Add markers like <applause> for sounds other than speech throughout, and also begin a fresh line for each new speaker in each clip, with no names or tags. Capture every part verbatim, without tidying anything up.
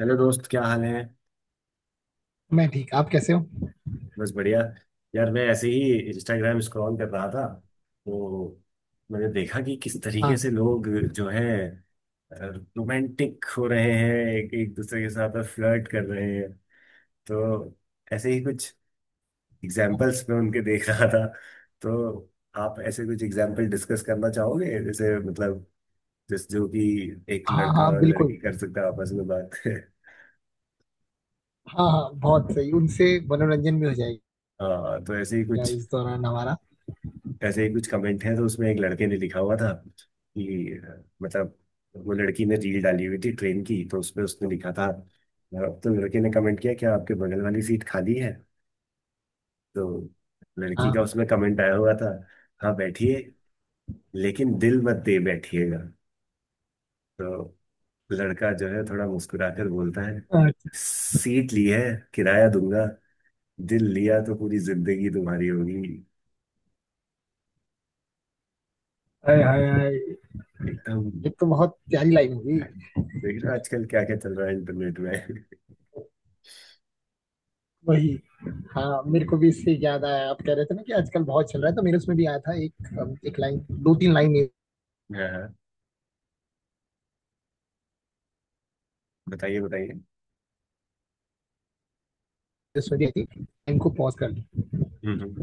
Hello दोस्त, क्या हाल है।
मैं ठीक। आप कैसे हो?
बस बढ़िया। यार, मैं ऐसे ही इंस्टाग्राम स्क्रॉल कर रहा था तो मैंने देखा कि किस तरीके से
हाँ
लोग जो है रोमांटिक हो रहे हैं, एक एक दूसरे के साथ फ्लर्ट कर रहे हैं। तो ऐसे ही कुछ एग्जाम्पल्स मैं उनके देख रहा था। तो आप ऐसे कुछ एग्जाम्पल डिस्कस करना चाहोगे, जैसे मतलब जिस जो कि एक
हाँ
लड़का
हाँ,
और
बिल्कुल।
लड़की कर सकता है आपस में बात। <laughs>
हाँ हाँ, बहुत सही। उनसे मनोरंजन भी हो जाएगा
हाँ, तो ऐसे ही कुछ,
इस दौरान हमारा।
ऐसे ही कुछ कमेंट है तो उसमें एक लड़के ने लिखा हुआ था कि अ, मतलब वो लड़की ने रील डाली हुई थी ट्रेन की, तो उसमें उसने लिखा था अ, तो लड़के ने कमेंट किया, क्या आपके बगल वाली सीट खाली है। तो लड़की का
हाँ।
उसमें कमेंट आया हुआ था, हाँ बैठिए, लेकिन दिल मत दे बैठिएगा। तो लड़का जो है थोड़ा मुस्कुराकर बोलता है,
अच्छा।
सीट ली है किराया दूंगा, दिल लिया तो पूरी जिंदगी तुम्हारी होगी।
हाय हाय हाय,
एकदम।
ये तो बहुत प्यारी लाइन होगी।
देख रहे हो, आजकल क्या क्या चल रहा है इंटरनेट में।
वही। हाँ, मेरे
हम्म।
को भी इससे याद आया। आप कह रहे थे ना कि आजकल बहुत चल रहा है, तो मेरे उसमें भी आया था एक एक लाइन, दो तीन लाइन मेरे
हाँ हाँ, बताइए बताइए।
उसमें भी आई थी। लाइन को पॉज कर ली।
हम्म हम्म।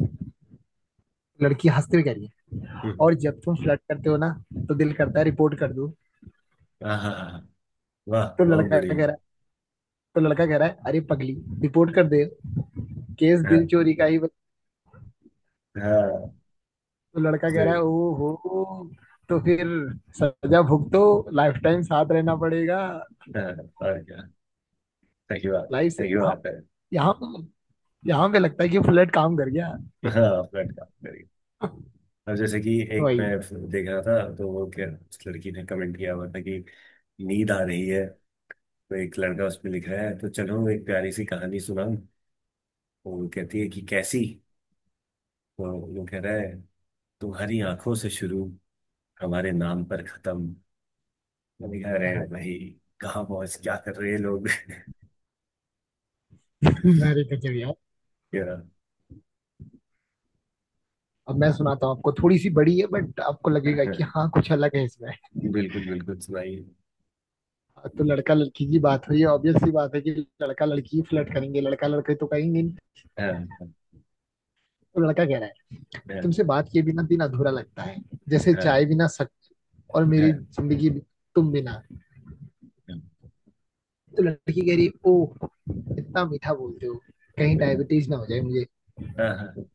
लड़की हंसते हुए कह रही है,
हम्म।
और जब तुम फ्लर्ट करते हो ना, तो दिल करता है रिपोर्ट कर दूं।
हाँ हाँ हाँ, हाँ। वाह,
तो
बहुत
लड़का कह
बढ़िया।
रहा है तो लड़का कह रहा है, अरे पगली, रिपोर्ट कर दे, केस दिल
हाँ
चोरी का ही।
हाँ,
तो लड़का कह रहा
सही।
है, ओ हो, तो फिर सजा भुगतो, लाइफ टाइम साथ रहना पड़ेगा।
हाँ, और क्या। सही बात
लाइफ से
है। सही
यहाँ
बात
पे-
है।
यहाँ पे- यहाँ पे लगता है कि फ्लर्ट काम कर गया।
हाँ, फ्लर्ट काम करिए। अब जैसे कि एक
वही।
मैं देख रहा था तो वो क्या, उस लड़की ने कमेंट किया हुआ था कि नींद आ रही है। तो एक लड़का उसमें लिख रहा है, तो चलो एक प्यारी सी कहानी सुनाऊं। तो वो कहती है कि कैसी। तो वो कह रहा है, तुम्हारी आंखों से शुरू, हमारे नाम पर खत्म। मैंने कहा,
हाय
अरे
हाय।
भाई कहाँ पहुंच क्या कर रहे हैं लोग। <laughs>
अरे गजब यार।
या।
अब मैं सुनाता हूँ आपको, थोड़ी सी बड़ी है बट आपको लगेगा
हाँ,
कि हाँ कुछ अलग है इसमें।
बिल्कुल बिल्कुल, सुनाइए।
तो लड़का लड़की की बात हुई। ऑब्वियस सी बात है कि लड़का लड़की फ्लर्ट करेंगे, लड़का लड़के तो कहेंगे नहीं।
हाँ
तो लड़का कह रहा है,
हाँ
तुमसे बात किए बिना दिन अधूरा लगता है, जैसे चाय
हाँ
बिना सक। और मेरी
हाँ
जिंदगी भी तुम बिना। तो लड़की कह रही है, ओ इतना मीठा बोलते हो, कहीं
हाँ हाँ,
डायबिटीज ना हो जाए मुझे।
हाँ, हाँ।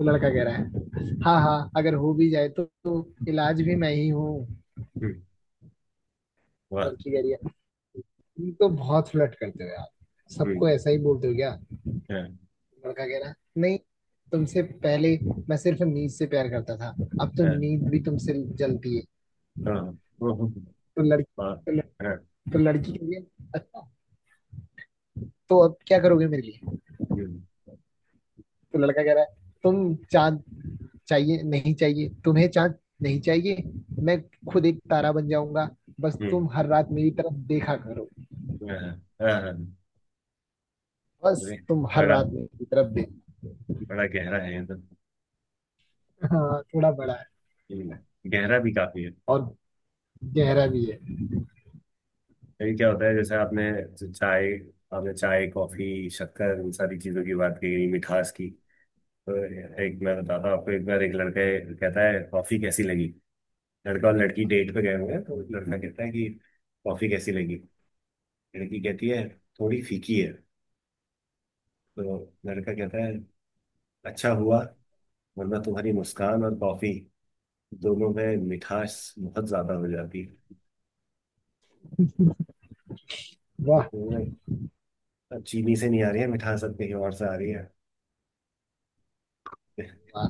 वो लड़का कह रहा है, हाँ हाँ, अगर हो भी जाए तो, तो इलाज भी मैं ही हूँ।
हम्म, वाह।
लड़की कह रही है, तुम तो बहुत फ्लर्ट करते हो यार,
हम्म,
सबको ऐसा ही बोलते हो क्या?
हाँ
लड़का कह रहा है, नहीं, तुमसे पहले मैं सिर्फ नींद से प्यार करता था, अब तो
हाँ
नींद भी तुमसे जलती है।
हाँ, ओहो,
तो लड़की
वाह,
तो, लड़,
हाँ।
तो लड़की कह रही है, अच्छा तो अब क्या करोगे मेरे लिए?
हम्म,
तो लड़का कह रहा है, तुम चांद चाहिए? नहीं चाहिए तुम्हें चांद, नहीं चाहिए, मैं खुद एक तारा बन जाऊंगा, बस
हम्म,
तुम हर रात मेरी तरफ देखा करो।
हाँ हाँ, हाँ, बाप
बस
रे।
तुम हर
बड़ा
रात मेरी तरफ देखो।
बड़ा गहरा है ये तो।
हाँ थोड़ा बड़ा है।
हम्म, गहरा भी काफी है।
और गहरा भी है।
ये क्या होता है, जैसे आपने जो चाय आपने चाय, कॉफी, शक्कर इन सारी चीजों की बात की मिठास की। तो एक मैं बताता हूँ आपको, एक बार एक लड़का कहता है, कॉफी कैसी लगी। लड़का और लड़की डेट पे गए हुए हैं, तो लड़का कहता है कि कॉफी कैसी लगी। लड़की कहती है, थोड़ी फीकी है। तो लड़का कहता है, अच्छा हुआ वरना तुम्हारी मुस्कान और कॉफी दोनों में मिठास बहुत ज्यादा हो जाती।
वाह
तो मैं, अब चीनी से नहीं आ रही है मिठास, अब कहीं और से आ रही है।
वाह।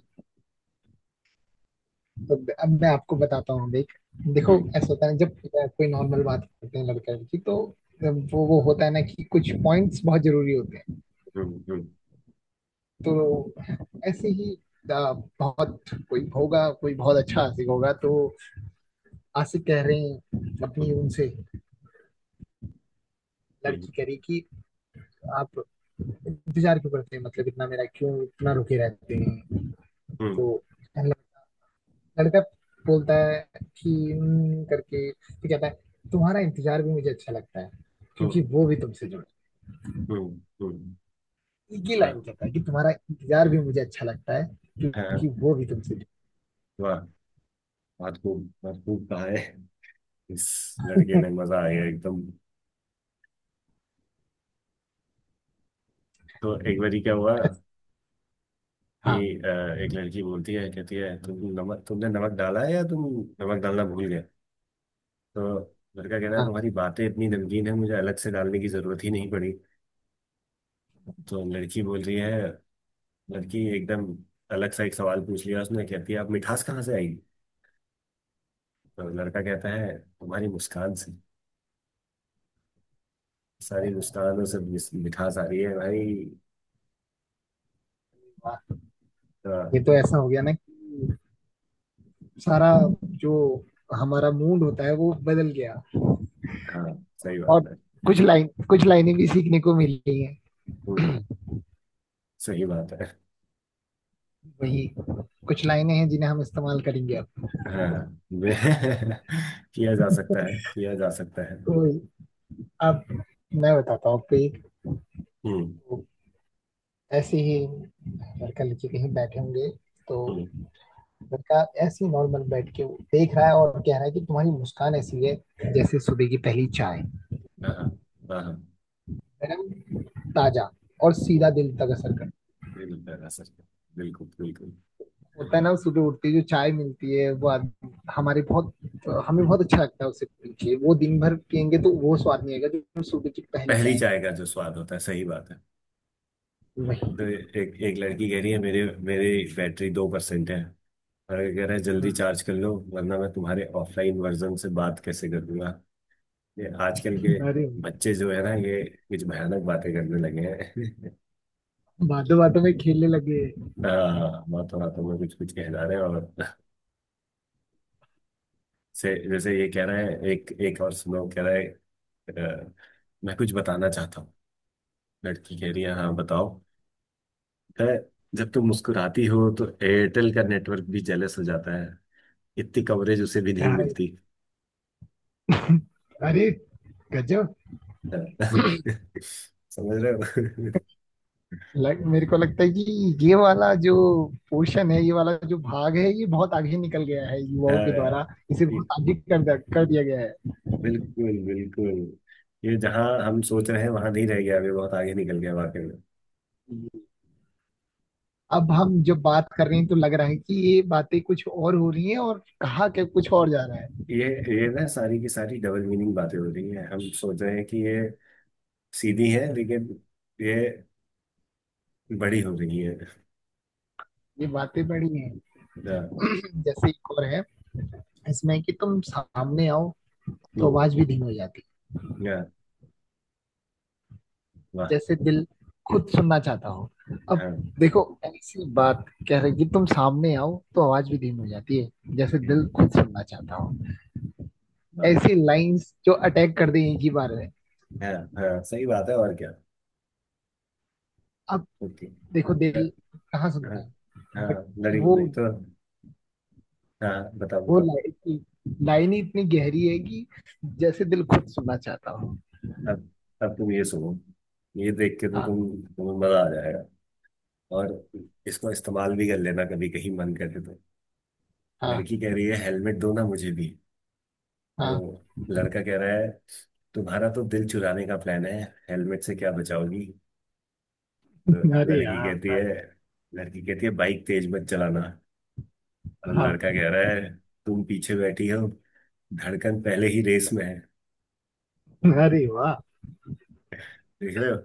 तो अब मैं आपको बताता हूँ। देख देखो,
हम्म
ऐसा होता है ना, जब कोई नॉर्मल बात करते हैं लड़का लड़की, तो वो वो होता है ना कि कुछ पॉइंट्स बहुत जरूरी होते हैं।
हम्म हम्म
तो ऐसे ही, आ, बहुत कोई होगा, कोई बहुत अच्छा आशिक होगा, तो आशिक कह रहे हैं अपनी
हम्म
उनसे।
हम्म
लड़की करी कि आप इंतजार क्यों करते हैं, मतलब इतना मेरा क्यों, इतना रुके रहते हैं।
हम्म
तो लड़का बोलता है कि "हम्म," करके तो कहता है, तुम्हारा इंतजार भी मुझे अच्छा लगता है,
हम्म
क्योंकि वो भी तुमसे जुड़े।
हम्म हम्म।
ये
वाह,
लाइन कहता है कि तुम्हारा इंतजार भी मुझे अच्छा लगता है,
हाँ,
क्योंकि वो भी तुमसे जुड़े।
वाह, बहुत खूब बहुत खूब कहा है इस लड़के ने, मजा आ गया एकदम। तो एक बारी क्या हुआ कि
हाँ
अ, एक लड़की बोलती है कहती है, तुम नमक तुमने नमक डाला है या तुम नमक डालना भूल गए। तो लड़का कह रहा है,
हाँ,
तुम्हारी बातें इतनी नमकीन है मुझे अलग से डालने की जरूरत ही नहीं पड़ी। तो लड़की बोल रही है, लड़की एकदम अलग सा एक सवाल पूछ लिया उसने, कहती है, आप मिठास कहाँ से आई। तो लड़का कहता है, तुम्हारी मुस्कान से, सारी मुस्कानों से मिस- मिठास आ रही है भाई।
वाह।
तो,
ये तो ऐसा हो गया ना कि सारा
हाँ
जो हमारा मूड होता है वो बदल गया।
हाँ, सही बात
और
है।
कुछ लाइन कुछ लाइनें भी सीखने को मिली हैं।
हम्म, सही बात है।
वही। कुछ लाइनें हैं जिन्हें हम इस्तेमाल करेंगे अब।
हाँ, वे- <laughs> किया जा सकता है, किया जा सकता है।
तो अब मैं बताता हूँ आपको एक।
हम्म
तो ऐसे ही लड़का लड़की कहीं बैठे होंगे, तो
हम्म।
लड़का ऐसे ही नॉर्मल बैठ के देख रहा है और कह रहा है कि तुम्हारी मुस्कान ऐसी है, जैसे सुबह की पहली चाय,
हाँ हाँ हाँ हाँ,
गर्म, ताजा, और सीधा
हम्म,
दिल तक असर करता है।
बिल्कुल ऐसा ही है। सर, बिल्कुल बिल्कुल।
होता है ना, सुबह उठते जो चाय मिलती है वो आद- हमारे बहुत हमें बहुत अच्छा लगता है, उसे पीछे वो दिन भर पियेंगे तो वो स्वाद नहीं आएगा जो सुबह की पहली
पहली
चाय
चाय का
है।
जो स्वाद होता है, सही बात है। तो
वही।
एक एक लड़की कह रही है, मेरे मेरी बैटरी दो परसेंट है। और ये कह रहा है, जल्दी
हम्म।
चार्ज कर लो वरना मैं तुम्हारे ऑफलाइन वर्जन से बात कैसे करूंगा। ये आजकल के
अरे,
बच्चे जो है ना ये कुछ भयानक बातें करने लगे हैं। <laughs>
बातों बातों में खेलने लगे।
हाँ, बातों बातों में कुछ कुछ कह जा रहे हैं, और से जैसे ये कह रहा है, एक एक और सुनो, कह रहा है, अ, मैं कुछ बताना चाहता हूँ। लड़की कह रही है, हाँ बताओ। कह रहा है, जब तुम मुस्कुराती हो तो एयरटेल का नेटवर्क भी जेलस हो जाता है, इतनी कवरेज उसे भी नहीं
यार,
मिलती। <laughs>
अरे गजब।
समझ रहे हो। <laughs>
लग, मेरे को लगता है कि ये वाला जो पोर्शन है, ये वाला जो भाग है, ये बहुत आगे निकल गया है युवाओं के द्वारा।
हाँ,
इसे
ये
बहुत आगे कर द- कर दिया गया है।
बिल्कुल बिल्कुल, ये जहाँ हम सोच रहे हैं वहां नहीं रह गया अभी, बहुत आगे निकल गया वाकई में।
अब हम जब बात कर रहे हैं तो लग रहा है कि ये बातें कुछ और हो रही हैं, और कहा के कुछ और जा रहा है।
ये ये ना, सारी की सारी डबल मीनिंग बातें हो रही है, हम सोच रहे हैं कि ये सीधी है लेकिन ये बड़ी हो गई है।
ये बातें बड़ी हैं।
हाँ।
जैसे एक और है इसमें, कि तुम सामने आओ तो
हम्म,
आवाज भी धीमी हो जाती है,
या वाह।
जैसे दिल खुद सुनना चाहता हो। अब
हाँ,
देखो, ऐसी बात कह रही कि तुम सामने आओ तो आवाज भी धीमी हो जाती है, जैसे दिल
हम्म,
खुद सुनना चाहता हो।
वाह।
ऐसी लाइंस जो अटैक कर दें एक ही बार में।
हाँ हाँ, सही बात है, और क्या।
अब
ओके।
देखो,
ल-
दिल कहाँ
हाँ
सुनता है,
हाँ।
बट
लड़ी
वो
लड़ी तो। हाँ, बताओ
वो
बताओ।
लाइन लाइन ही इतनी गहरी है कि जैसे दिल खुद सुनना चाहता हो।
अब अब तुम ये सुनो, ये देख के तो
हाँ
तुम तुम्हें मजा आ जाएगा। और इसको इस्तेमाल भी कर लेना, कभी कहीं मन करे तो।
हाँ
लड़की कह रही है, हेलमेट दो ना मुझे भी।
हाँ।
तो लड़का कह रहा है, तुम्हारा तो दिल चुराने का प्लान है, हेलमेट से क्या बचाओगी।
अरे
लड़की कहती
यार।
है लड़की कहती है, बाइक तेज मत चलाना। तो
हाँ।
लड़का कह रहा है, तुम पीछे बैठी हो, धड़कन पहले ही रेस में है।
अरे वाह।
देख रहे हो,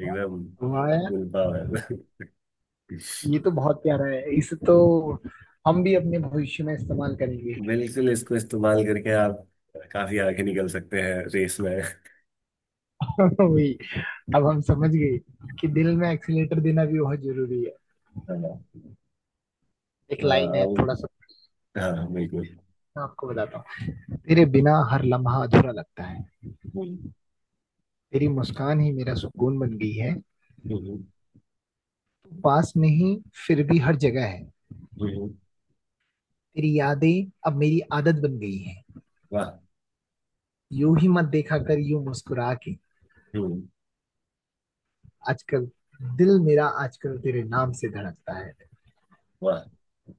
एकदम
वाह यार,
फुल पावर।
ये तो बहुत प्यारा है, इसे तो
<laughs>
हम भी अपने भविष्य में इस्तेमाल करेंगे।
बिल्कुल, इसको इस्तेमाल करके आप काफी आगे निकल सकते हैं रेस में।
<laughs> वही। अब हम समझ गए कि दिल में एक्सीलेटर देना भी बहुत जरूरी है।
हाँ।
एक लाइन है
अब-
थोड़ा सा,
हाँ, बिल्कुल।
मैं आपको बताता हूँ। तेरे बिना हर लम्हा अधूरा लगता है,
हम्म,
तेरी मुस्कान ही मेरा सुकून बन गई है,
हम्म,
तू पास नहीं फिर भी हर जगह है,
हम्म, हम्म,
तेरी यादें अब मेरी आदत बन गई है,
वाह।
यूं ही मत देखा कर यूं मुस्कुरा के,
हम्म,
आजकल दिल मेरा, आजकल तेरे नाम से धड़कता है।
वाह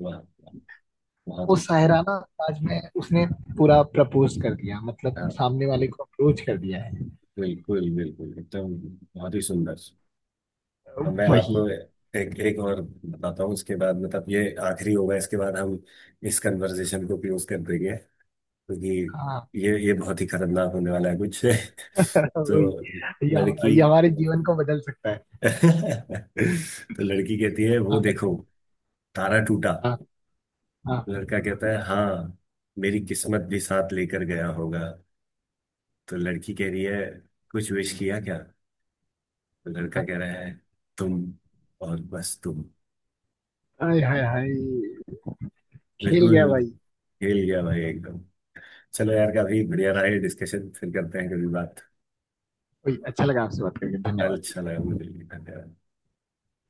वाह, वाह, बहुत
वो
ही।
शायराना अंदाज में उसने पूरा प्रपोज कर दिया, मतलब
हाँ,
सामने वाले को अप्रोच कर दिया
बिल्कुल बिल्कुल एकदम, बहुत ही सुंदर।
है।
तो मैं
वही।
आपको एक एक और बताता हूँ, उसके बाद मतलब ये आखिरी होगा, इसके बाद हम इस कन्वर्सेशन को क्लोज कर देंगे क्योंकि
हाँ।
ये ये बहुत ही खतरनाक होने वाला है कुछ।
<laughs>
<laughs>
वही।
तो
ये
लड़की
ये हमारे जीवन को बदल सकता है।
<laughs> तो लड़की कहती है, वो
हाँ
देखो
बताइए।
तारा टूटा।
हाँ हाँ।
लड़का कहता है, हाँ मेरी किस्मत भी साथ लेकर गया होगा। तो लड़की कह रही है, कुछ विश किया क्या। तो लड़का
हाँ।
कह रहा है, तुम, और बस तुम।
हाय हाय हाय, खेल
बिल्कुल,
गया भाई।
हिल गया भाई एकदम। चलो यार, काफी बढ़िया रहा ये डिस्कशन, फिर करते हैं कभी बात।
वही। अच्छा लगा आपसे बात करके, धन्यवाद।
अच्छा लगा मुझे भी। धन्यवाद।